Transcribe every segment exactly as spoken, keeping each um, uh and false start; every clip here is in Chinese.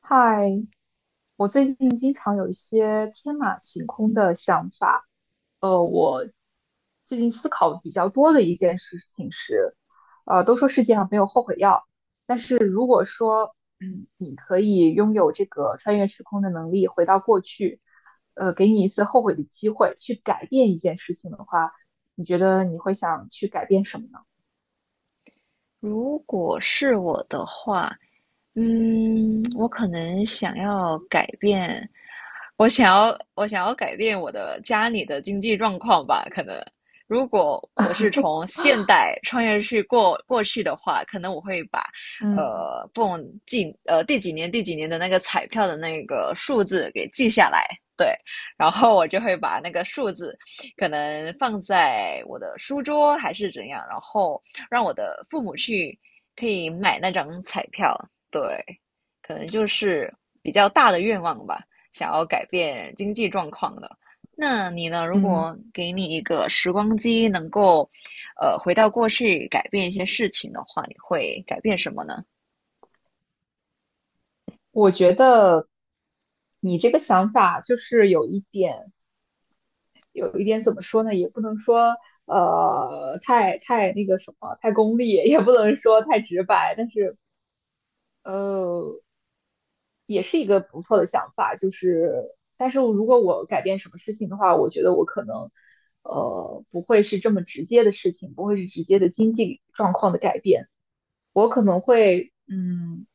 嗨，我最近经常有一些天马行空的想法。呃，我最近思考比较多的一件事情是，呃，都说世界上没有后悔药，但是如果说，嗯，你可以拥有这个穿越时空的能力，回到过去，呃，给你一次后悔的机会，去改变一件事情的话，你觉得你会想去改变什么呢？如果是我的话，嗯，我可能想要改变，我想要我想要改变我的家里的经济状况吧。可能如果我是从现代穿越去过过去的话，可能我会把嗯呃不懂几呃第几年第几年的那个彩票的那个数字给记下来，对。然后我就会把那个数字可能放在我的书桌还是怎样，然后让我的父母去可以买那张彩票，对，可能就是比较大的愿望吧。想要改变经济状况的。那你呢？如嗯，果给你一个时光机，能够，呃，回到过去改变一些事情的话，你会改变什么呢？我觉得你这个想法就是有一点。有一点怎么说呢，也不能说呃太太那个什么太功利，也不能说太直白，但是呃也是一个不错的想法。就是但是如果我改变什么事情的话，我觉得我可能呃不会是这么直接的事情，不会是直接的经济状况的改变，我可能会嗯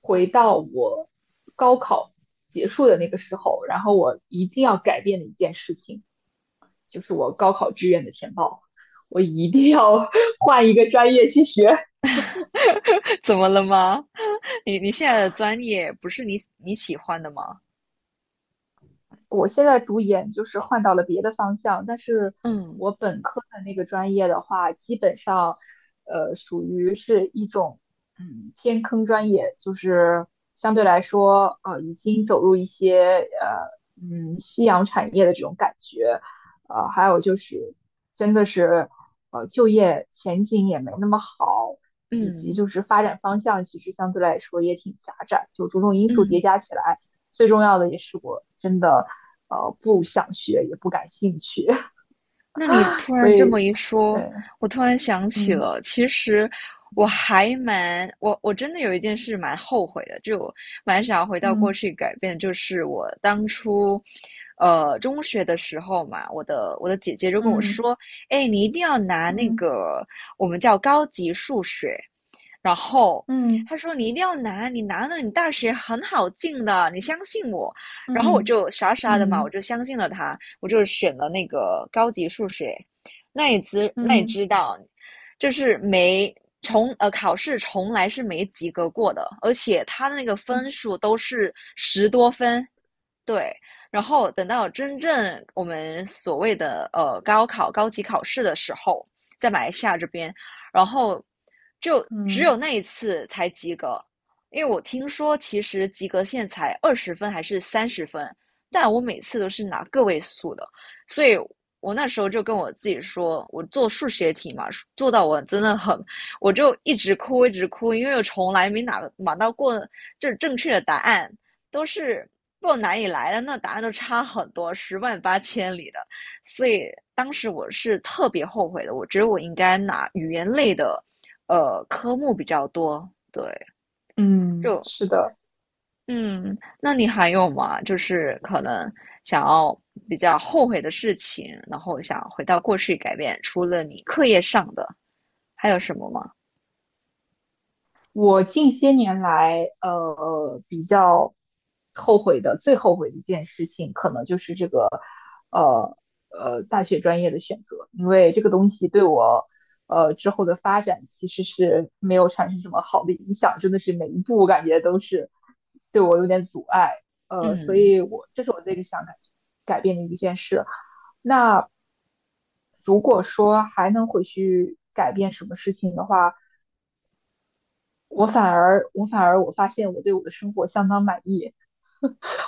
回到我高考结束的那个时候，然后我一定要改变的一件事情。就是我高考志愿的填报，我一定要 换一个专业去学。怎么了吗？你你现在的专业不是你你喜欢的吗？我现在读研就是换到了别的方向，但是嗯我本科的那个专业的话，基本上，呃，属于是一种嗯偏坑专业，就是相对来说，呃，已经走入一些呃嗯夕阳产业的这种感觉。呃，还有就是真的是呃就业前景也没那么好，以及嗯就是发展方向其实相对来说也挺狭窄，就种种因素叠嗯。加起来。最重要的也是我真的呃不想学，也不感兴趣，那你突所然这么以一对，说，我突然想起嗯了，其实我嗯还蛮我我真的有一件事蛮后悔的，就我蛮想要回到过嗯去改变。就是我当初，呃，中学的时候嘛，我的我的姐姐就跟我说，哎，你一定要拿那嗯个我们叫高级数学。然后嗯他说你一定要拿，你拿了你大学很好进的，你相信我。然后我嗯就傻傻的嘛，我嗯就相信了他，我就选了那个高级数学。那也知那也嗯知道，就是没从呃考试从来是没及格过的，而且他的那个分嗯数都是十多分，对。然后等到真正我们所谓的呃高考、高级考试的时候，在马来西亚这边，然后就只有嗯那一次才及格。因为我听说其实及格线才二十分还是三十分，但我每次都是拿个位数的。所以我那时候就跟我自己说，我做数学题嘛，做到我真的很，我就一直哭一直哭，因为我从来没拿拿到过就是正确的答案，都是不知道哪里来的，那答案都差很多，十万八千里的。所以当时我是特别后悔的，我觉得我应该拿语言类的呃科目比较多。对，嗯，就是的。嗯，那你还有吗？就是可能想要比较后悔的事情，然后想回到过去改变，除了你课业上的，还有什么吗？我近些年来，呃，比较后悔的，最后悔的一件事情，可能就是这个，呃呃，大学专业的选择。因为这个东西对我呃，之后的发展其实是没有产生什么好的影响，真的是每一步我感觉都是对我有点阻碍。呃，所嗯，以我这是我最想改改变的一件事。那如果说还能回去改变什么事情的话，我反而我反而我发现我对我的生活相当满意，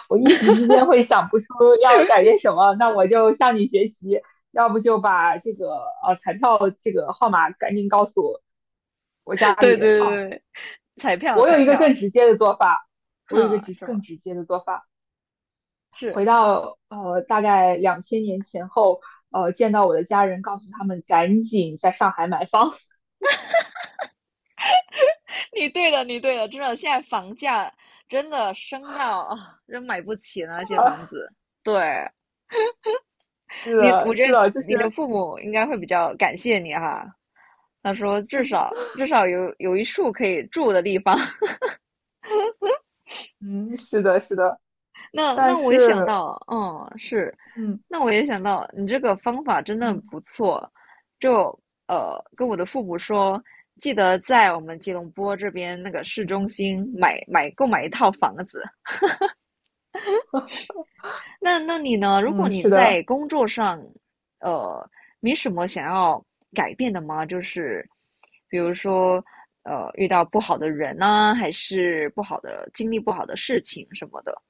我一时之间会想不出要改变什么，那我就向你学习，要不就把这个呃彩票这个号码赶紧告诉我家 里对对人。哦，对，对，彩票我有彩一个票，更直接的做法，我有一个哼，直是吗？更直接的做法，是。回到呃大概两千年前后，呃见到我的家人，告诉他们赶紧在上海买房。你对了，你对了，真的，现在房价真的升到啊，真买不起那些房 子。对。是你，我的，觉是得的，就是你的父母应该会比较感谢你哈。他说至少至少有有一处可以住的地方。嗯，是的，是的，那但那我也想是。到，嗯，是，嗯，那我也想到你这个方法真的嗯不错。就呃，跟我的父母说，记得在我们吉隆坡这边那个市中心买买购买一套房子。那那你呢？如果嗯，你是的，在工作上，呃，没什么想要改变的吗？就是比如说，呃，遇到不好的人呢、还是不好的经历、不好的事情什么的。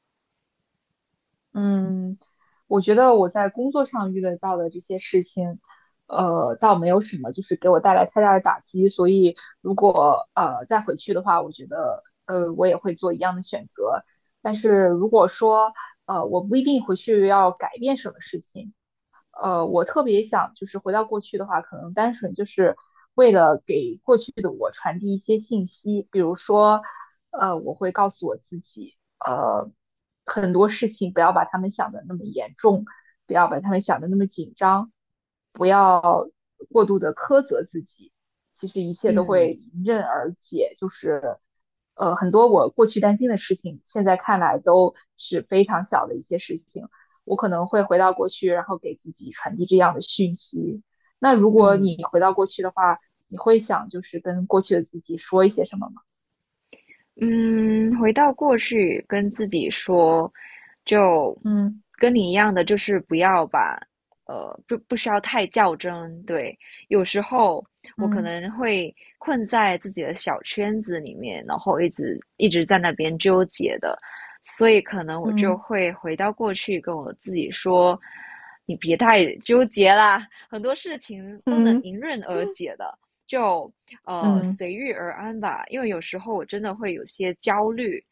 嗯，我觉得我在工作上遇得到的这些事情，呃，倒没有什么，就是给我带来太大的打击，所以如果呃再回去的话，我觉得呃我也会做一样的选择。但是如果说呃我不一定回去要改变什么事情，呃，我特别想就是回到过去的话，可能单纯就是为了给过去的我传递一些信息。比如说，呃，我会告诉我自己，呃，很多事情不要把他们想的那么严重，不要把他们想的那么紧张，不要过度的苛责自己，其实一切都会嗯迎刃而解，就是。呃，很多我过去担心的事情，现在看来都是非常小的一些事情，我可能会回到过去，然后给自己传递这样的讯息。那如果你嗯回到过去的话，你会想就是跟过去的自己说一些什么吗？嗯，回到过去，跟自己说，就嗯跟你一样的。就是不要把，呃，不不需要太较真。对。有时候我可嗯能会困在自己的小圈子里面，然后一直一直在那边纠结的。所以可能我就嗯会回到过去，跟我自己说，你别太纠结啦，很多事情都能嗯迎刃而解的。就呃，嗯随遇而安吧，因为有时候我真的会有些焦虑，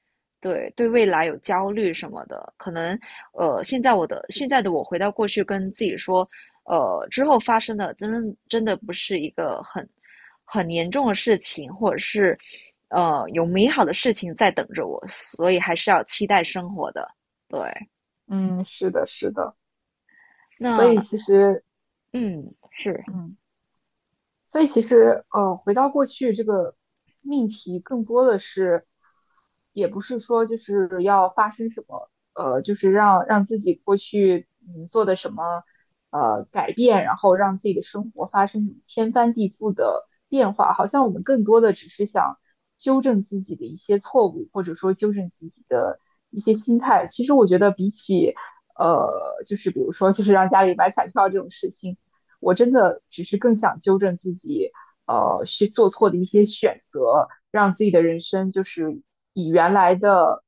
对，对未来有焦虑什么的。可能呃，现在我的现在的我回到过去跟自己说，呃，之后发生的真真的不是一个很很严重的事情，或者是呃有美好的事情在等着我，所以还是要期待生活的，对。嗯，是的，是的。所以那其实，嗯是。嗯，所以其实，呃，回到过去这个命题更多的是也不是说就是要发生什么，呃，就是让让自己过去嗯做的什么呃改变，然后让自己的生活发生什么天翻地覆的变化，好像我们更多的只是想纠正自己的一些错误，或者说纠正自己的一些心态。其实我觉得比起呃，就是比如说就是让家里买彩票这种事情，我真的只是更想纠正自己呃去做错的一些选择，让自己的人生就是以原来的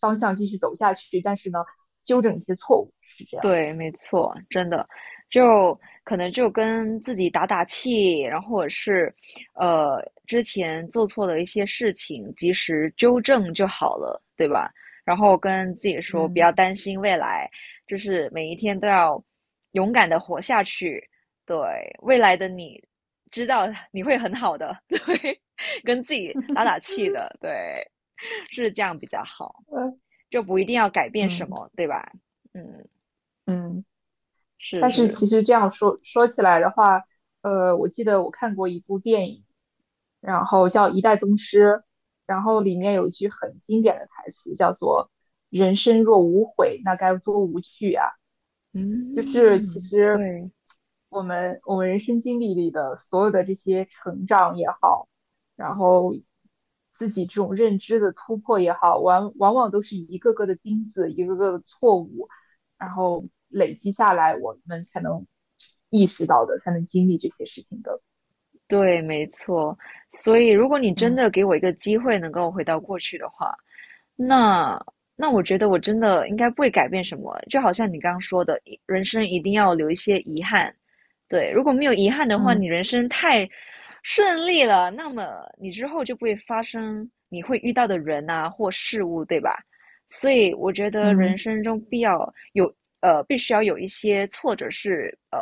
方向继续走下去。但是呢，纠正一些错误是这样。对，没错，真的，就可能就跟自己打打气，然后或者是，呃，之前做错的一些事情，及时纠正就好了，对吧？然后跟自己说，不嗯要担心未来，就是每一天都要勇敢的活下去。对，未来的你，知道你会很好的，对，跟自己打打气的，对，是这样比较好，对，就不一定要改变什嗯么，对吧？嗯，嗯。是但是是。其实这样说说起来的话，呃，我记得我看过一部电影，然后叫《一代宗师》，然后里面有一句很经典的台词，叫做"人生若无悔，那该多无趣啊"。就是其嗯，实对我们我们人生经历里的所有的这些成长也好，然后自己这种认知的突破也好，往往往都是一个个的钉子，一个个的错误，然后累积下来，我们才能意识到的，才能经历这些事情的。对，没错。所以，如果你真嗯的给我一个机会能够回到过去的话，那那我觉得我真的应该不会改变什么，就好像你刚刚说的，一人生一定要留一些遗憾。对，如果没有遗憾的话，嗯你人生太顺利了，那么你之后就不会发生你会遇到的人啊或事物，对吧？所以我觉得嗯人生中必要有呃，必须要有一些挫折，是呃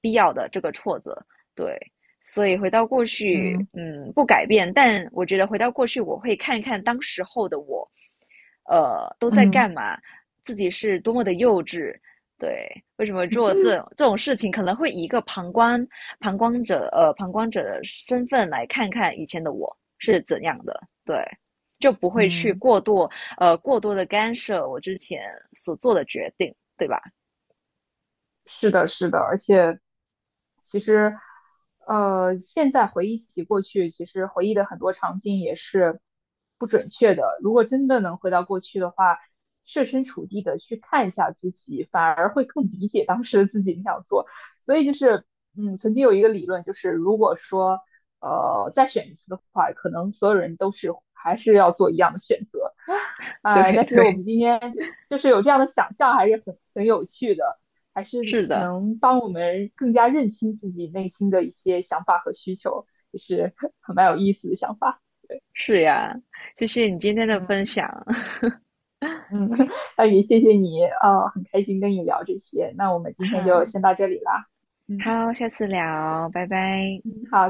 必要的这个挫折。对。所以回到过去，嗯嗯，不改变。但我觉得回到过去，我会看看当时候的我，呃，都在嗯干嘛，自己是多么的幼稚，对。为什么做这这种事情，可能会以一个旁观旁观者呃旁观者的身份来看看以前的我是怎样的，对。就不会去嗯。过度呃过多的干涉我之前所做的决定，对吧？是的，是的。而且其实，呃，现在回忆起过去，其实回忆的很多场景也是不准确的。如果真的能回到过去的话，设身处地的去看一下自己，反而会更理解当时的自己那样做。所以就是，嗯，曾经有一个理论，就是如果说，呃，再选一次的话，可能所有人都是还是要做一样的选择。对哎，但是我对，们今天就就是有这样的想象，还是很很有趣的，还是是的，能帮我们更加认清自己内心的一些想法和需求，也是很蛮有意思的想法。对，是呀，谢谢你今天的嗯分享。嗯，那也谢谢你，呃，很开心跟你聊这些。那我们今天就好。先到这里啦。嗯好，下次聊，拜拜。嗯，好。